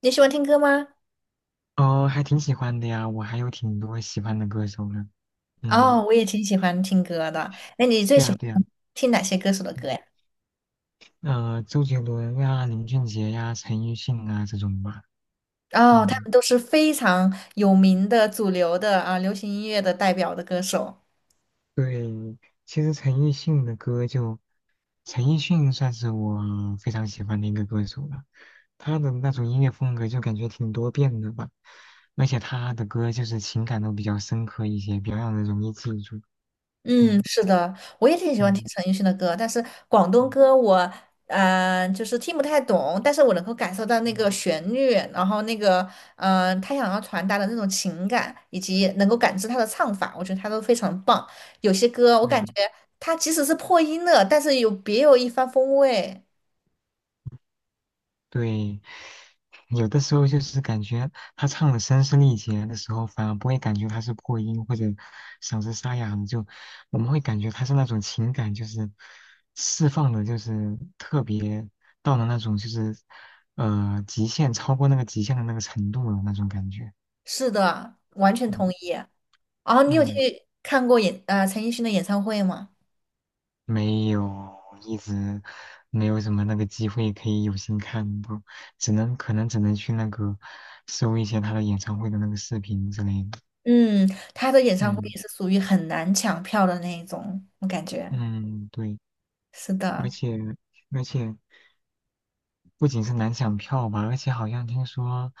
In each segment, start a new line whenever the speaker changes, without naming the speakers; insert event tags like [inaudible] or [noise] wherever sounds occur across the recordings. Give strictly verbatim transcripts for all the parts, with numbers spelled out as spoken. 你喜欢听歌吗？
哦，还挺喜欢的呀，我还有挺多喜欢的歌手呢。
哦，
嗯，
我也挺喜欢听歌的。那你最
对
喜
呀
欢
对呀，
听哪些歌手的歌呀？
呃，周杰伦呀、林俊杰呀、陈奕迅啊这种吧。
哦，他
嗯，
们都是非常有名的主流的啊，流行音乐的代表的歌手。
对，其实陈奕迅的歌就，陈奕迅算是我非常喜欢的一个歌手了。他的那种音乐风格就感觉挺多变的吧，而且他的歌就是情感都比较深刻一些，比较让人容易记住。嗯
是的，我也挺喜欢听
嗯
陈奕迅的歌，但是广东
嗯
歌我呃就是听不太懂，但是我能够感受到那个
嗯，
旋律，然后那个嗯、呃他想要传达的那种情感，以及能够感知他的唱法，我觉得他都非常棒。有些歌我
对。
感觉他即使是破音了，但是有别有一番风味。
对，有的时候就是感觉他唱的声嘶力竭的时候，反而不会感觉他是破音或者嗓子沙哑了，就我们会感觉他是那种情感就是释放的，就是特别到了那种就是呃极限，超过那个极限的那个程度了那种感觉。
是的，完全同
嗯，
意。然后你有去
嗯，
看过演呃陈奕迅的演唱会吗？
没有，一直没有什么那个机会可以有幸看到，只能可能只能去那个搜一些他的演唱会的那个视频之类的。
嗯，他的演唱会
嗯
也是属于很难抢票的那一种，我感觉。
嗯，对，
是
而
的，
且而且不仅是难抢票吧，而且好像听说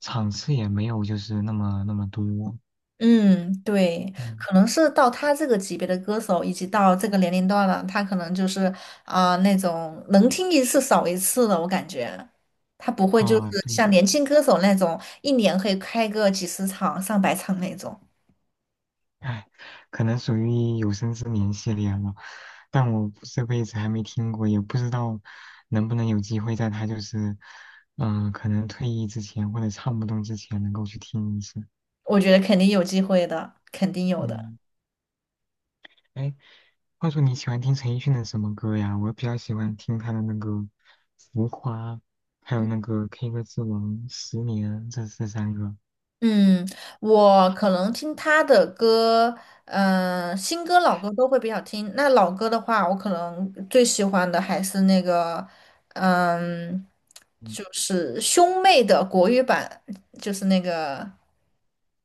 场次也没有就是那么那么多。
嗯，对，
嗯，
可能是到他这个级别的歌手，以及到这个年龄段了，他可能就是啊、那种能听一次少一次的，我感觉他不会就是
啊，对，
像年轻歌手那种一年可以开个几十场、上百场那种，
哎，可能属于有生之年系列了，但我这辈子还没听过，也不知道能不能有机会在他就是嗯、呃可能退役之前或者唱不动之前能够去听一次。
我觉得肯定有机会的，肯定有的。
嗯，哎，话说你喜欢听陈奕迅的什么歌呀？我比较喜欢听他的那个《浮夸》，还有那个《K 歌之王》《十年》这这三个。
嗯，我可能听他的歌，嗯、新歌、老歌都会比较听。那老歌的话，我可能最喜欢的还是那个，嗯，
嗯，
就是兄妹的国语版，就是那个，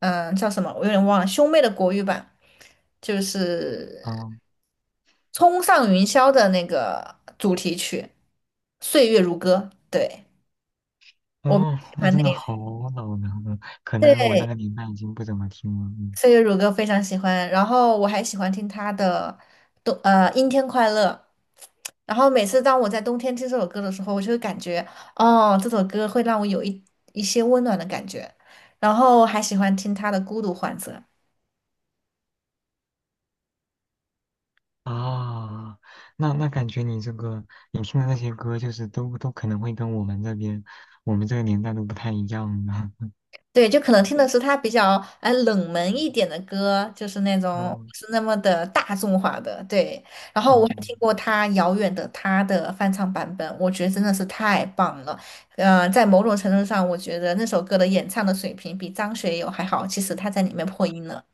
嗯，叫什么？我有点忘了，兄妹的国语版就是
啊，
《冲上云霄》的那个主题曲《岁月如歌》。对，我
哦，
喜
那
欢那
真的好老呢。嗯，可能
对。
我那个年代已经不怎么听了。嗯，
岁月如歌非常喜欢，然后我还喜欢听他的冬呃《阴天快乐》，然后每次当我在冬天听这首歌的时候，我就会感觉哦，这首歌会让我有一一些温暖的感觉，然后还喜欢听他的《孤独患者》。
啊、那那感觉你这个你听的那些歌，就是都都可能会跟我们这边我们这个年代都不太一样呢。[laughs]
对，就可能
嗯，
听的是他比较呃冷门一点的歌，就是那种
哦，
不是那么的大众化的。对，然后我还
哦
听过他《遥远的他》的翻唱版本，我觉得真的是太棒了。呃，在某种程度上，我觉得那首歌的演唱的水平比张学友还好。其实他在里面破音了。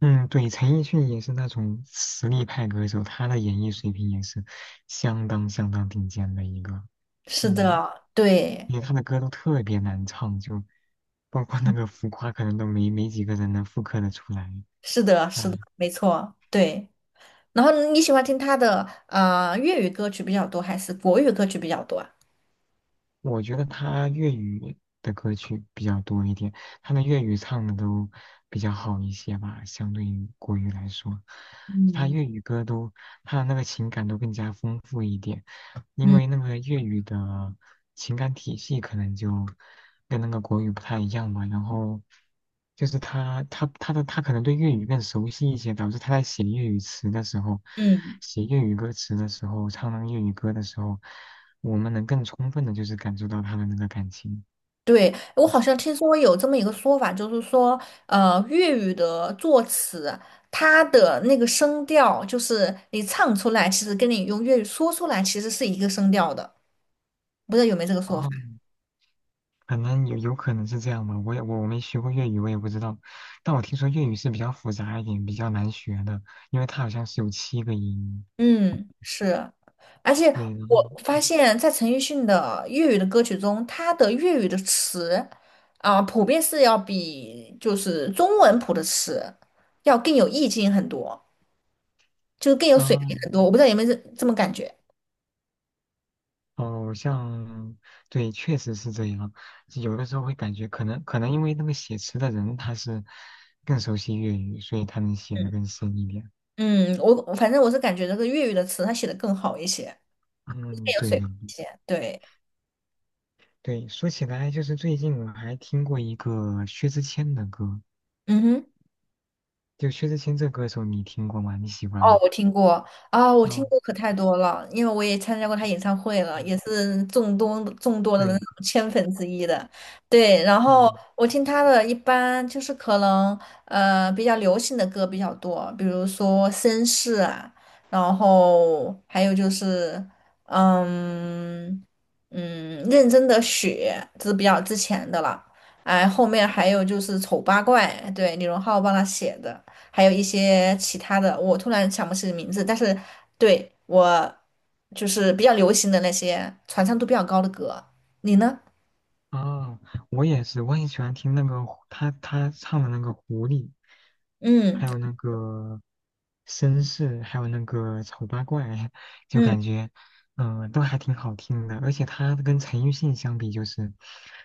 嗯，对，陈奕迅也是那种实力派歌手，他的演绎水平也是相当相当顶尖的一个。
是
嗯，
的，对，
因为他的歌都特别难唱，就包括那个浮夸，可能都没没几个人能复刻的出来。
是的，是
哎，
的，没错，对。然后你喜欢听他的呃粤语歌曲比较多，还是国语歌曲比较多啊？
我觉得他粤语的歌曲比较多一点，他的粤语唱的都比较好一些吧，相对于国语来说，他
嗯。
粤语歌都他的那个情感都更加丰富一点。因
嗯
为那个粤语的情感体系可能就跟那个国语不太一样吧。然后就是他他他的他可能对粤语更熟悉一些，导致他在写粤语词的时候，
嗯。
写粤语歌词的时候，唱那个粤语歌的时候，我们能更充分的就是感受到他的那个感情。
对，我好像听说有这么一个说法，就是说，呃，粤语的作词，它的那个声调，就是你唱出来，其实跟你用粤语说出来，其实是一个声调的。不知道有没有这个说法？
哦，可能有有可能是这样吧，我也我我没学过粤语，我也不知道。但我听说粤语是比较复杂一点，比较难学的，因为它好像是有七个音。
嗯，是。而且
对，然后
我发现，在陈奕迅的粤语的歌曲中，他的粤语的词啊，普遍是要比就是中文谱的词要更有意境很多，就是更有
啊。
水平很多。我不知道有没有这这么感觉。
哦，像，对，确实是这样。有的时候会感觉，可能可能因为那个写词的人他是更熟悉粤语，所以他能写
嗯。
的更深一点。
嗯，我我反正我是感觉这个粤语的词它写的更好一些，
嗯，
更有
对
水
对
平一些。对，
对。说起来，就是最近我还听过一个薛之谦的歌，
嗯哼。
就薛之谦这歌手你听过吗？你喜欢
哦，
吗？
我听过啊，我听
嗯
过可太多了，因为我也参加过他演唱会了，也
嗯，
是众多众多的那
对，
种千粉之一的。对，然后
嗯。
我听他的一般就是可能呃比较流行的歌比较多，比如说绅士啊，然后还有就是嗯嗯认真的雪，这是比较之前的了。哎，后面还有就是丑八怪，对，李荣浩帮他写的。还有一些其他的，我突然想不起名字，但是对我就是比较流行的那些传唱度比较高的歌，你呢？
啊，我也是，我也喜欢听那个狐他他唱的那个狐狸，
嗯
还有那个绅士，还有那个丑八怪，[laughs] 就
嗯，
感觉嗯、呃都还挺好听的。而且他跟陈奕迅相比，就是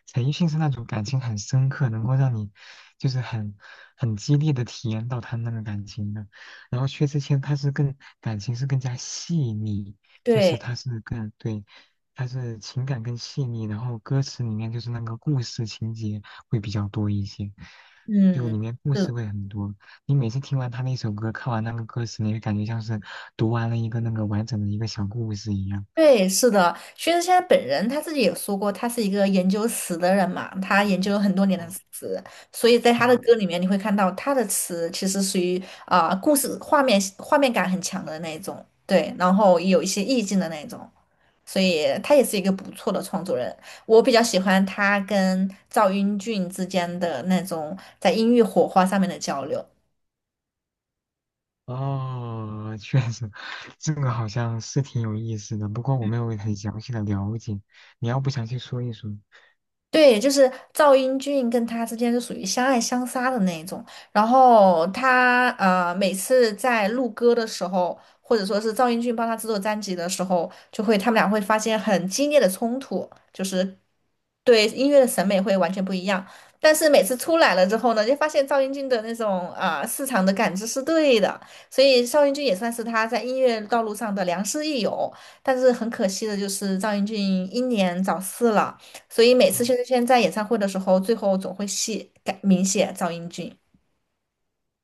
陈奕迅是那种感情很深刻，能够让你就是很很激烈的体验到他那个感情的。然后薛之谦他是更感情是更加细腻，就是
对，
他是更对。它是情感更细腻，然后歌词里面就是那个故事情节会比较多一些，就
嗯，
里面故
是，
事会很多。你每次听完他那首歌，看完那个歌词，你会感觉像是读完了一个那个完整的一个小故事一样。
对，是的，薛之谦本人他自己也说过，他是一个研究词的人嘛，他研究了很多年的
哦，
词，所以在他的
嗯，
歌里
[laughs]
面你会看到他的词其实属于啊、故事画面画面感很强的那一种，对，然后有一些意境的那一种。所以他也是一个不错的创作人。我比较喜欢他跟赵英俊之间的那种在音乐火花上面的交流。
哦，确实，这个好像是挺有意思的，不过我没有很详细的了解，你要不详细说一说？
对，就是赵英俊跟他之间是属于相爱相杀的那一种。然后他呃，每次在录歌的时候，或者说是赵英俊帮他制作专辑的时候，就会他们俩会发现很激烈的冲突，就是对音乐的审美会完全不一样。但是每次出来了之后呢，就发现赵英俊的那种啊、市场的感知是对的，所以赵英俊也算是他在音乐道路上的良师益友。但是很可惜的就是赵英俊英年早逝了。所以每次薛之谦在演唱会的时候，最后总会写改明写赵英俊。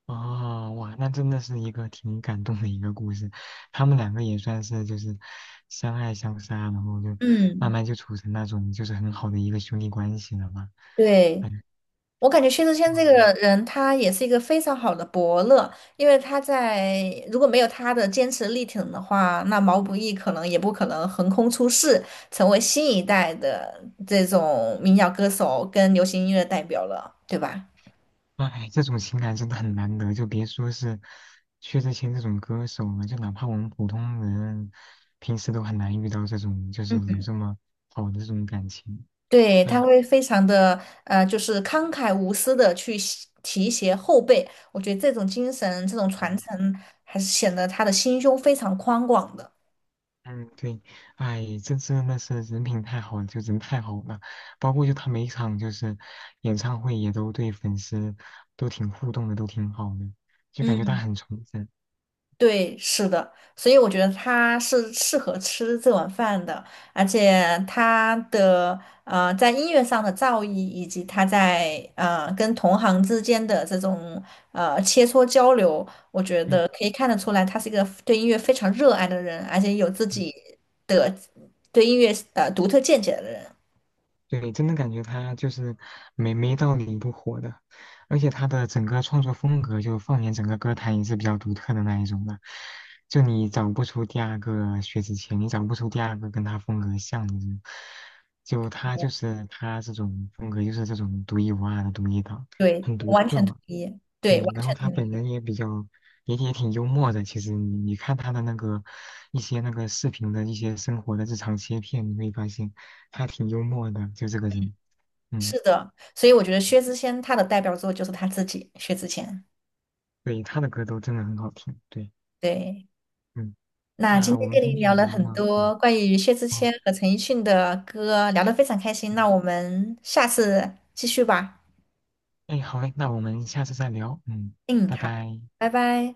哦，哇，那真的是一个挺感动的一个故事。他们两个也算是就是相爱相杀，然后就慢
嗯
慢就处成那种就是很好的一个兄弟关系了嘛。
对，
哎，
我感觉薛之谦这个人，他也是一个非常好的伯乐，因为他在如果没有他的坚持力挺的话，那毛不易可能也不可能横空出世，成为新一代的这种民谣歌手跟流行音乐代表了，对吧？
哇，哎，这种情感真的很难得，就别说是薛之谦这种歌手了，就哪怕我们普通人平时都很难遇到这种就是
嗯。
有这么好的这种感情。
对，他
哎，
会非常的呃，就是慷慨无私的去洗提携后辈，我觉得这种精神、这种
对
传承，还是显得他的心胸非常宽广的。
嗯，对，哎，这真的是人品太好了，就人太好了。包括就他每一场就是演唱会也都对粉丝都挺互动的，都挺好的，就感觉他
嗯。
很从真。
对，是的，所以我觉得他是适合吃这碗饭的，而且他的呃在音乐上的造诣，以及他在呃跟同行之间的这种呃切磋交流，我觉
嗯
得可以看得出来，他是一个对音乐非常热爱的人，而且有自己的对音乐呃独特见解的人。
对，真的感觉他就是没没道理不火的，而且他的整个创作风格，就放眼整个歌坛也是比较独特的那一种的，就你找不出第二个薛之谦，你找不出第二个跟他风格像的人，就他就是他这种风格，就是这种独一无二的独一档，
对，
很
我
独
完
特
全同
嘛。
意，对，完
对，然后
全
他
同
本
意，
人也比较，也也挺幽默的。其实你你看他的那个一些那个视频的一些生活的日常切片，你会发现他挺幽默的，就这个人。嗯，
是的，所以我觉得薛之谦他的代表作就是他自己，薛之谦，
对，他的歌都真的很好听。对，
对。
嗯，
那今
那我
天
们
跟
今
您
天
聊
也
了
聊
很
了，对，
多关于薛之
哦，
谦和陈奕迅的歌，聊得非常开心。那
嗯，
我们下次继续吧。
哎，好嘞，那我们下次再聊。嗯，
嗯，
拜
好，
拜。
拜拜。